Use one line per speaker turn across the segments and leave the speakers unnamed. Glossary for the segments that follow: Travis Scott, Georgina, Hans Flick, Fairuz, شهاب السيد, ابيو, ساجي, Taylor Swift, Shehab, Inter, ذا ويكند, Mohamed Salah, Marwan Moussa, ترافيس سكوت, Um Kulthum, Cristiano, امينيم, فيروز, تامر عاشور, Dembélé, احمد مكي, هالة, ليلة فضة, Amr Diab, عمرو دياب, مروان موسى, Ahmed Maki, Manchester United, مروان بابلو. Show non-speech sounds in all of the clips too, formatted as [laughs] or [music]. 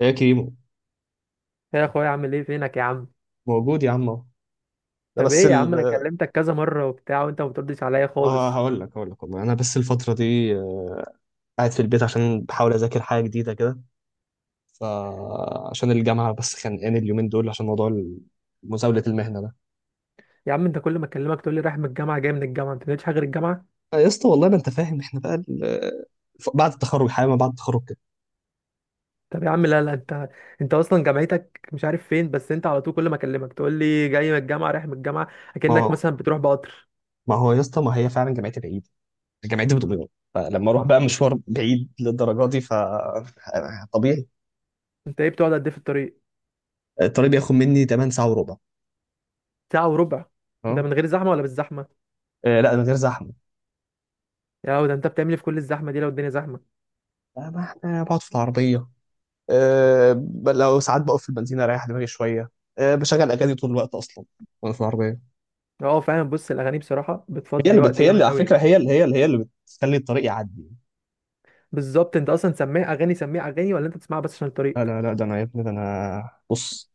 ايه يا كريمو.
يا اخويا عامل ايه فينك يا عم؟
موجود يا عم اهو. ده
طب
بس
ايه يا عم،
ال
انا كلمتك كذا مره وبتاع وانت ما بتردش عليا
ما
خالص.
هقول لك والله، انا بس الفتره دي قاعد في البيت عشان بحاول اذاكر حاجه جديده كده، فعشان الجامعه بس خانقاني اليومين دول عشان موضوع ال- مزاوله المهنه ده
يا عم، انت كل ما اكلمك تقول لي رايح من الجامعه جاي من الجامعه، انت ما بتعملش حاجه غير الجامعه؟
آه، يا اسطى والله ما انت فاهم احنا بقى بعد التخرج، حاجه ما بعد التخرج كده.
طب يا عم، لا انت، انت اصلا جامعتك مش عارف فين، بس انت على طول كل ما اكلمك تقول لي جاي من الجامعه رايح من الجامعه،
ما
اكنك
هو
مثلا بتروح بقطر.
ما هو يا اسطى، ما هي فعلا جامعتي بعيد، جامعتي في دمياط، فلما اروح بقى مشوار بعيد للدرجه دي ف طبيعي.
انت ايه بتقعد قد ايه في الطريق؟
الطريق بياخد مني 8 ساعه وربع.
ساعه وربع؟ ده
اه.
من غير زحمه ولا بالزحمه؟
لا، من غير زحمه.
يا ده انت بتعمل إيه في كل الزحمه دي لو الدنيا زحمه؟
ما احنا بقعد في العربيه. أه، لو ساعات بقف في البنزينة اريح دماغي شوية. أه، بشغل اغاني طول الوقت اصلا وانا في العربية.
اه فاهم. بص، الاغاني بصراحه بتفضي وقت
هي
جامد
اللي، على
قوي.
فكرة، هي اللي بتخلي الطريق يعدي.
بالظبط، انت اصلا سميع اغاني سميع اغاني ولا انت بتسمعها بس عشان الطريق؟
لا لا لا، ده انا يا ابني، ده انا بص،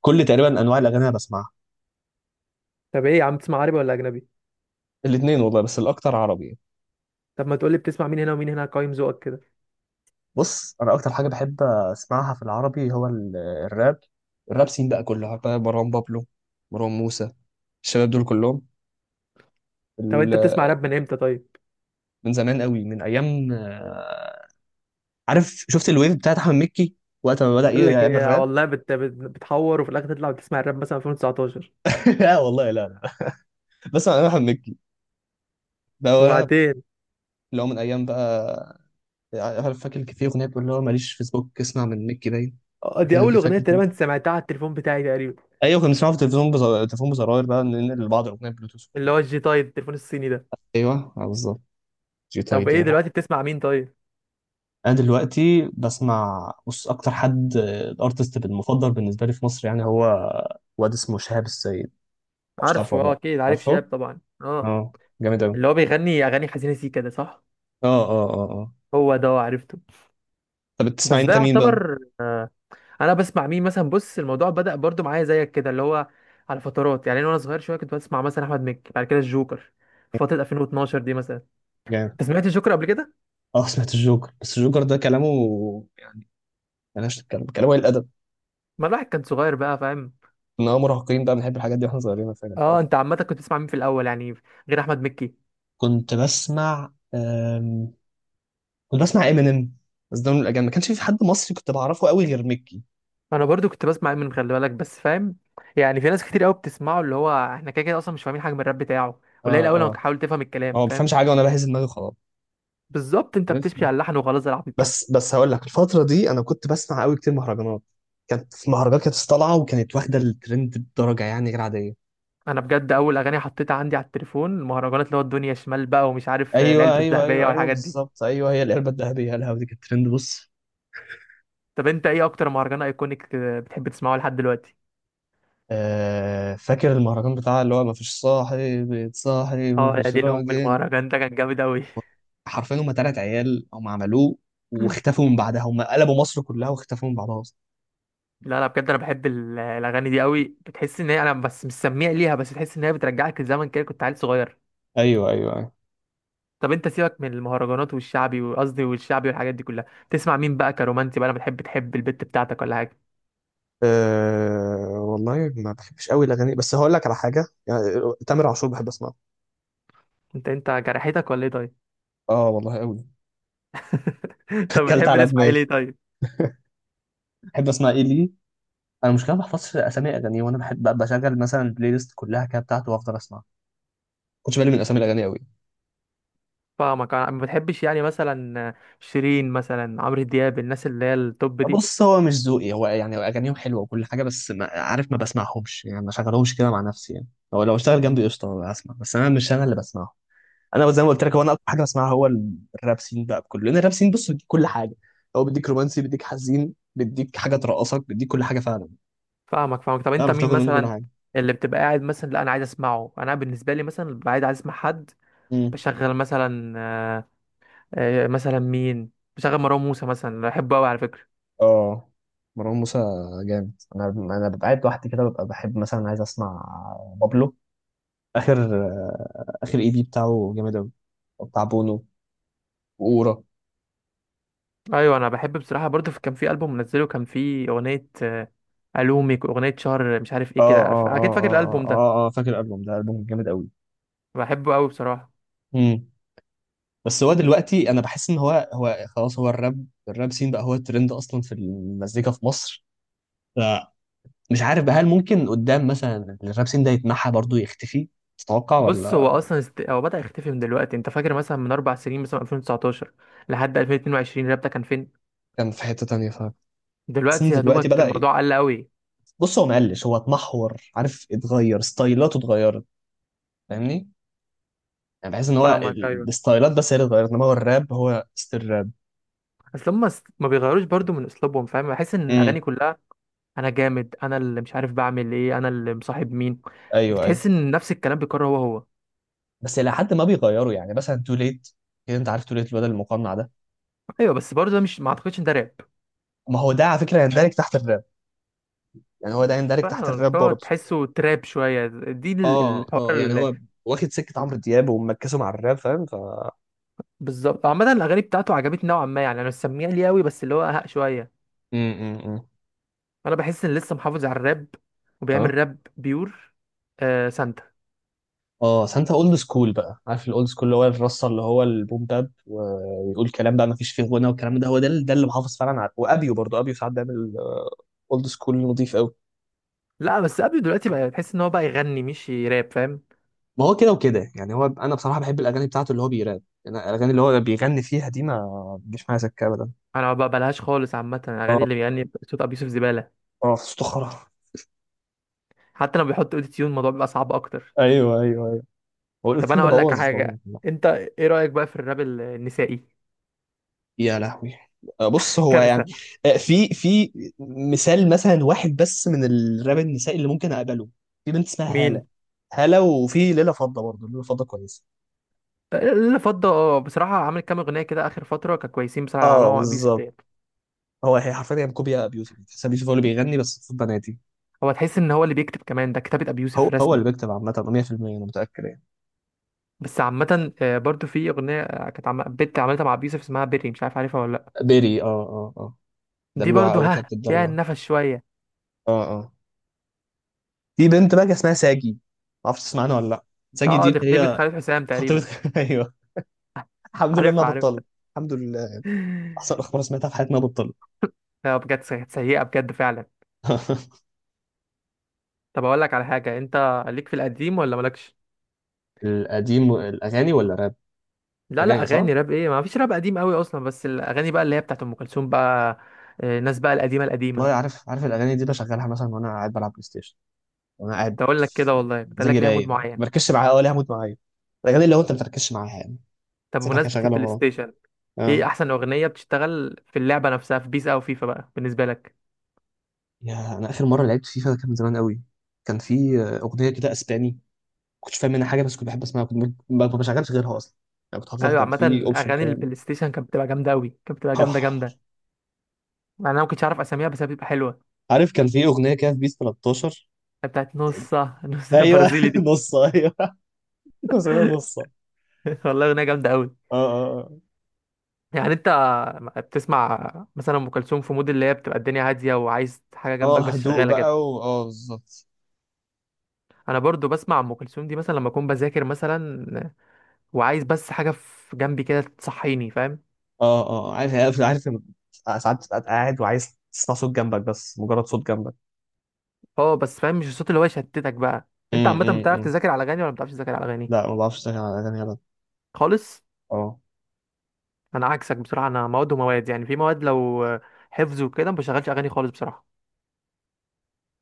كل تقريبا انواع الاغاني انا بسمعها.
طب ايه يا عم، بتسمع عربي ولا اجنبي؟
الاثنين والله، بس الاكتر عربي.
طب ما تقولي بتسمع مين هنا ومين هنا، قايم ذوقك كده.
بص، انا اكتر حاجة بحب اسمعها في العربي هو الراب. الراب سين بقى، كله بقى مروان بابلو، مروان موسى، الشباب دول كلهم
طب
ال-
انت بتسمع راب من امتى طيب؟
من زمان قوي، من ايام عارف، شفت الويف بتاعت احمد مكي وقت ما بدأ
بقول لك
يعمل
ايه
راب.
والله، بتحور وفي الاخر تطلع بتسمع الراب مثلا 2019؟
[laughs] لا والله، لا لا، بس انا احمد مكي ده هو
وبعدين؟
اللي هو، من ايام بقى. عارف، فاكر كان في اغنيه بتقول اللي هو ماليش فيسبوك، اسمع من مكي باين. فاكر،
دي اول
اللي
اغنيه
فاكر باين.
تقريبا سمعتها على التليفون بتاعي تقريبا.
ايوه، كنا بنسمعه في التلفزيون، التليفون بزراير بقى، ننقل لبعض الاغنيه بلوتوث.
اللي هو الجي تايد، التليفون الصيني ده.
ايوه، بالظبط. جي
طب
طيب،
ايه
يا
دلوقتي
لهوي.
بتسمع مين طيب؟
انا دلوقتي بسمع، بص، اكتر حد الارتست المفضل بالنسبه لي في مصر يعني هو واد اسمه شهاب السيد. مش
عارفه؟
عارفه ولا
اه
لا؟
اكيد عارف شهاب
عارفه.
طبعا، اه.
اه. جامد قوي.
اللي هو بيغني اغاني حزينه، سيكا ده صح؟
اه اه اه اه.
هو ده، عرفته.
طب
بس
بتسمعي
ده
انت مين
يعتبر انا بسمع مين مثلا؟ بص، الموضوع بدأ برضو معايا زيك كده، اللي هو على فترات يعني. انا وانا صغير شويه كنت بسمع مثلا احمد مكي، بعد كده الجوكر، في فتره 2012 دي مثلا.
بقى؟
انت سمعت الجوكر قبل كده؟
اه، سمعت الجوكر، بس الجوكر ده كلامه ملهاش تتكلم، كلامه قليل الادب.
ما الواحد كان صغير بقى، فاهم.
ان هو مراهقين بقى، بنحب الحاجات دي واحنا صغيرين، فاهم الحوار
اه،
ده.
انت عامه كنت بتسمع مين في الاول يعني، غير احمد مكي؟
كنت بسمع أم... كنت بسمع امينيم، بس ده من الاجانب، ما كانش في حد مصري كنت بعرفه قوي غير ميكي.
انا برضو كنت بسمع من خلي بالك، بس فاهم، يعني في ناس كتير قوي بتسمعه. اللي هو احنا كده كده اصلا مش فاهمين حاجه من الراب بتاعه،
اه
قليل قوي لما
اه.
تحاول تفهم
هو
الكلام،
ما
فاهم.
بفهمش حاجه، وانا بهز دماغي خلاص.
بالظبط، انت
عارف،
بتشبي على اللحن وخلاص، العبط كده.
بس هقول لك، الفتره دي انا كنت بسمع قوي كتير مهرجانات. كانت في مهرجانات كانت طالعه وكانت واخده الترند بدرجه يعني غير عاديه.
انا بجد اول اغاني حطيتها عندي على التليفون المهرجانات، اللي هو الدنيا شمال بقى ومش عارف
ايوه
العلبه
ايوه
الذهبيه
ايوه ايوه،
والحاجات دي.
بالظبط، ايوه، هي العلبه الذهبيه الهوا دي كانت ترند. بص،
طب انت ايه اكتر مهرجان ايكونيك بتحب تسمعه لحد دلوقتي؟
فاكر المهرجان بتاع اللي هو مفيش صاحي بيتصاحي
اه يا
مفيش
دي الام،
راجل.
المهرجان ده كان جامد قوي.
حرفيا هم تلات عيال هم عملوه
[laughs]
واختفوا من بعدها، هم قلبوا مصر كلها واختفوا من بعدها اصلا.
لا انا بجد انا بحب الاغاني دي قوي. بتحس ان هي، انا بس مش سميع ليها، بس تحس ان هي بترجعك لزمن كده كنت عيل صغير.
ايوه ايوه ايوه.
طب انت سيبك من المهرجانات والشعبي، وقصدي والشعبي والحاجات دي كلها، تسمع مين بقى كرومانسي بقى لما بتحب تحب البت بتاعتك ولا حاجه؟
أه والله، ما بحبش قوي الاغاني، بس هقول لك على حاجه يعني، تامر عاشور بحب اسمعه.
انت جرحتك ولا ايه طيب؟
اه والله، قوي.
[laughs]
[laughs]
طب
كلت
بتحب
على
تسمع ايه
دماغي.
ليه طيب؟
بحب اسمع ايه ليه؟ انا مش كده، ما بحفظش اسامي اغاني، وانا بحب بشغل مثلا البلاي ليست كلها كده بتاعته وافضل اسمع. كنتش بالي من اسامي الاغاني قوي.
فاهمك. انا ما بتحبش يعني مثلا شيرين مثلا، عمرو دياب، الناس اللي هي التوب دي؟
بص، هو مش ذوقي، هو يعني اغانيهم حلوه وكل حاجه، بس ما عارف، ما بسمعهمش يعني، ما شغلهمش كده مع نفسي يعني. هو لو اشتغل جنبي قشطه هسمع، بس انا مش انا اللي بسمعه. انا زي ما قلت لك، هو انا اكتر حاجه بسمعها هو الراب سين بقى بكله، لان الراب سين، بص، بيديك كل حاجه. هو بيديك رومانسي، بيديك حزين، بيديك حاجه ترقصك، بيديك كل حاجه فعلا.
فاهمك. طب انت
تعرف
مين
تاخد منه كل
مثلا
حاجه.
اللي بتبقى قاعد مثلا، لا انا عايز اسمعه، انا بالنسبه لي مثلا ببقى قاعد عايز اسمع حد،
امم
بشغل مثلا مثلا مين، بشغل مروان موسى مثلا، بحبه قوي على فكره.
اه، مروان موسى، جامد. انا انا ببقى قاعد لوحدي كده، ببقى بحب مثلا عايز اسمع بابلو. اخر اخر اي بي بتاعه جامد قوي، بتاع بونو وأورا.
ايوه انا بحب بصراحه برضه كان في البوم منزله، كان في اغنيه الومك واغنيه شهر مش عارف
اه
ايه
اه
كده، اكيد فاكر
اه اه
الالبوم ده.
اه اه، فاكر الالبوم ده، البوم جامد قوي.
بحبه قوي بصراحه.
امم بس هو دلوقتي انا بحس ان هو هو خلاص، هو الراب، الراب سين بقى هو الترند اصلا في المزيكا في مصر. فمش عارف بقى، هل ممكن قدام مثلا الراب سين ده يتمحى برضه يختفي؟ تتوقع
بص، هو
ولا؟
اصلا هو بدأ يختفي من دلوقتي. انت فاكر مثلا من اربع سنين مثلا 2019 لحد 2022 رابطه كان فين؟
كان في حتة تانية، فاهم. بس إن
دلوقتي يا
دلوقتي
دوبك
بدأ
الموضوع قل قوي.
بص، هو مقلش، هو اتمحور، عارف، اتغير، ستايلاته اتغيرت، فاهمني؟ يعني بحس ان هو
فاهمك ايوه.
الستايلات بس هي اللي اتغيرت، انما هو الراب هو ستيل راب.
اصل هم ما بيغيروش برضو من اسلوبهم، فاهم. بحس ان الاغاني
امم
كلها، انا جامد انا اللي مش عارف بعمل ايه، انا اللي مصاحب مين.
ايوه ايوه.
بتحس ان نفس الكلام بيكرر هو هو.
بس الى حد ما بيغيروا يعني، مثلا تو ليت كده، انت عارف تو ليت الواد المقنع ده؟
ايوه، بس برضو ده مش، ما اعتقدش ان ده راب.
ما هو ده على فكره يندرج تحت الراب، يعني هو ده يندرج تحت الراب
فهو
برضه.
تحسه تراب شويه، دي
اه
الحوار
اه، يعني
اللي.
هو واخد سكه عمرو دياب ومركزه مع الراب، فاهم، ف
بالظبط. عامه الاغاني بتاعته عجبتني نوعا ما يعني، انا مش سميع ليه قوي، بس اللي هو اهق شويه.
امم
انا بحس ان لسه محافظ على الراب، وبيعمل
اه.
راب بيور. آه سانتا.
اه سانتا، اولد سكول بقى، عارف الاولد سكول اللي هو الرصه، اللي هو البوم باب ويقول كلام بقى ما فيش فيه غنى، والكلام ده هو ده ده اللي محافظ فعلا على وابيو برضه. ابيو ساعات بيعمل اولد سكول نظيف قوي.
لا بس ابيو دلوقتي بقى تحس ان هو بقى يغني مش راب، فاهم.
ما هو كده وكده يعني، هو انا بصراحه بحب الاغاني بتاعته اللي هو بيراب، يعني الاغاني اللي هو بيغني فيها دي ما بتجيش معايا سكه ابدا.
انا ما بقبلهاش خالص. عامه الاغاني
اه
اللي بيغني صوت ابي يوسف زباله.
اه، استخرة.
حتى لما بيحط اوتو تيون الموضوع بيبقى صعب اكتر.
ايوه ايوه ايوه. هو
طب
الاوتيل
انا
ده
اقول لك
بوظ طبعاً.
حاجه، انت ايه رايك بقى في الراب النسائي؟
يا لهوي، بص هو يعني،
كارثه.
في مثال مثلا، واحد بس من الراب النسائي اللي ممكن اقبله، في بنت اسمها هالة.
مين
هالة، وفي ليلة فضة برضه، ليلة فضة كويسة.
اللي فضه؟ اه بصراحه عامل كام اغنيه كده اخر فتره، كانوا كويسين بصراحه اللي
اه،
عملوها ابي يوسف
بالظبط.
ديت.
هو هي حرفيا هي كوبيا ابيوسف، تحس ابيوسف هو اللي بيغني بس صوت بناتي.
هو تحس ان هو اللي بيكتب كمان، ده كتابه ابي
هو
يوسف
هو اللي
رسمي.
بيكتب عامة 100%، انا متأكد يعني.
بس عامة برضو في أغنية كانت بنت عملتها مع أبي يوسف اسمها بيري، مش عارف عارفها ولا لأ.
بيري، اه اه اه،
دي
دلوعة
برضو
قوي،
ها
كانت
فيها
بتدلع.
النفس شوية.
اه اه. في بنت بقى اسمها ساجي، ما اعرفش، تسمع عنها ولا لا؟ ساجي
اه
دي
دي
اللي
خطيبة
هي
خالد حسام تقريبا.
خطيبتك. [laughs] ايوه.
[laughs]
الحمد لله
عارف
انها
عارف
بطلت.
[laughs]
الحمد لله، احسن اخبار سمعتها في حياتي انها بطلت.
لا بجد كانت سيئة بجد فعلا.
[laughs]
طب أقول لك على حاجة، أنت ليك في القديم ولا مالكش؟
القديم الأغاني ولا راب؟
لا لا
أغاني، صح؟
أغاني راب إيه، ما فيش راب قديم قوي أصلا، بس الأغاني بقى اللي هي بتاعت أم كلثوم بقى. الناس بقى القديمة
والله،
القديمة.
عارف عارف، الاغاني دي بشغلها مثلا وانا قاعد بلعب بلاي ستيشن، وانا قاعد
تقول لك كده والله، تقول
مزاجي
لك ليها مود
رايق، ما
معين.
بركزش معاها ولا هموت معايا، الاغاني اللي هو انت ما بتركزش معاها يعني.
طب
سيبها كده
بمناسبة
شغاله
البلاي
وخلاص.
ستيشن، إيه
اه.
أحسن أغنية بتشتغل في اللعبة نفسها في بيس أو فيفا بقى بالنسبة لك؟
يا انا اخر مره لعبت فيفا ده كان من زمان قوي. كان في اغنيه كده اسباني، ما كنتش فاهم منها حاجه، بس كنت بحب اسمعها، كنت ما بشغلش غيرها اصلا يعني. كنت حافظها،
ايوه
كان في
عامة
اوبشن
اغاني
كده.
البلاي ستيشن كانت بتبقى جامدة اوي، كانت بتبقى
[laughs]
جامدة
اه،
جامدة مع إن انا ما كنتش عارف اساميها، بس هي بتبقى حلوة.
عارف، كان في اغنيه كده في بيس 13.
بتاعت نص [laughs] نص
ايوه، [laughs]
البرازيلي دي.
نص، ايوه. [laughs] مسميها نص، اه.
[laughs] والله اغنية جامدة اوي.
اه
يعني انت بتسمع مثلا ام كلثوم في مود اللي هي بتبقى الدنيا هادية وعايز حاجة
اه
جنبك
اه،
بس
هدوء
شغالة
بقى
كده؟
اه بالظبط.
انا برضو بسمع ام كلثوم دي مثلا لما اكون بذاكر مثلا، وعايز بس حاجة في جنبي كده تصحيني، فاهم.
اه اه آه. عارف عارف عارف، لما ساعات تبقى قاعد وعايز تسمع صوت جنبك بس، مجرد صوت جنبك.
اه بس فاهم مش الصوت اللي هو يشتتك بقى. انت عامة بتعرف
امم
تذاكر على اغاني ولا ما بتعرفش تذاكر على اغاني
لا، ما بعرفش اشتغل على اغاني ابدا.
خالص؟
اه.
انا عكسك بصراحه، انا مواد ومواد يعني، في مواد لو حفظ وكده ما بشغلش اغاني خالص بصراحه.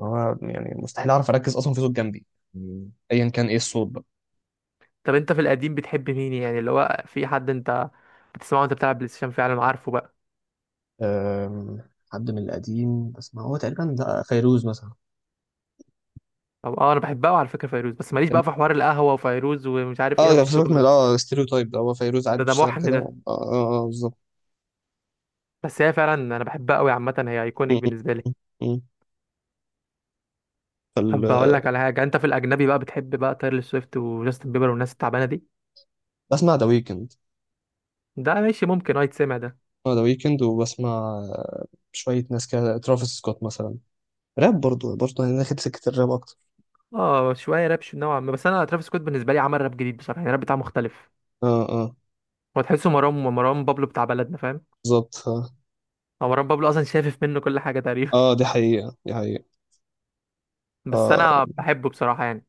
هو يعني مستحيل اعرف اركز اصلا في صوت جنبي، ايا كان ايه الصوت بقى.
طب انت في القديم بتحب مين يعني، اللي هو في حد انت بتسمعه وانت بتلعب بلاي ستيشن فعلا عارفه بقى؟
حد من القديم، بس ما هو تقريبا ده فيروز مثلا.
طب اه انا بحبها، وعلى فكره فيروز بس ماليش بقى في حوار القهوه وفيروز ومش عارف ايه،
اه،
أنا
ده
في
سيبك
الشغل
من
ده.
اه ستيريو تايب ده، هو فيروز عادي
ده
بتشتغل
محن
كده.
ده.
اه اه، بالظبط.
بس هي فعلا انا بحبها قوي، عامه هي
م-
ايكونيك بالنسبه لي.
م- م- فال...
طب بقول لك على حاجه، انت في الاجنبي بقى بتحب بقى تايلور سويفت وجاستن بيبر والناس التعبانه دي؟
بسمع ذا ويكند.
ده ماشي ممكن اه يتسمع ده.
بسمع ذا ويكند، وبسمع آه، شوية ناس كده، ترافيس سكوت مثلا، راب برضو برضو، أنا داخل سكة الراب أكتر.
اه شويه راب، نوعا ما، بس انا ترافيس سكوت بالنسبه لي عمل راب جديد بصراحه يعني، الراب بتاعه مختلف.
اه اه،
هو تحسه مروان، مروان بابلو بتاع بلدنا، فاهم.
بالظبط، اه.
هو مروان بابلو اصلا شافف منه كل حاجه تقريبا.
دي حقيقة، دي حقيقة.
[laughs] بس
آه.
انا بحبه بصراحه يعني.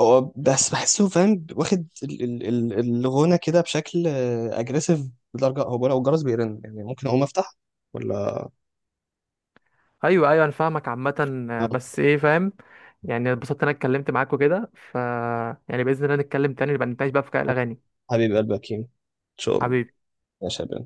هو بس بحسه، فاهم، واخد الغنى كده بشكل أجريسيف، بدرجة هو لو الجرس بيرن يعني ممكن أقوم أفتح ولا؟
ايوه انا فاهمك. عامه
آه،
بس ايه فاهم، يعني اتبسطت إن انا اتكلمت معاك وكده، ف يعني باذن الله نتكلم تاني، نبقى نتناقش بقى في
آه،
الاغاني.
حبيب قلبك يمين. إن شاء الله.
حبيبي.
يا شباب.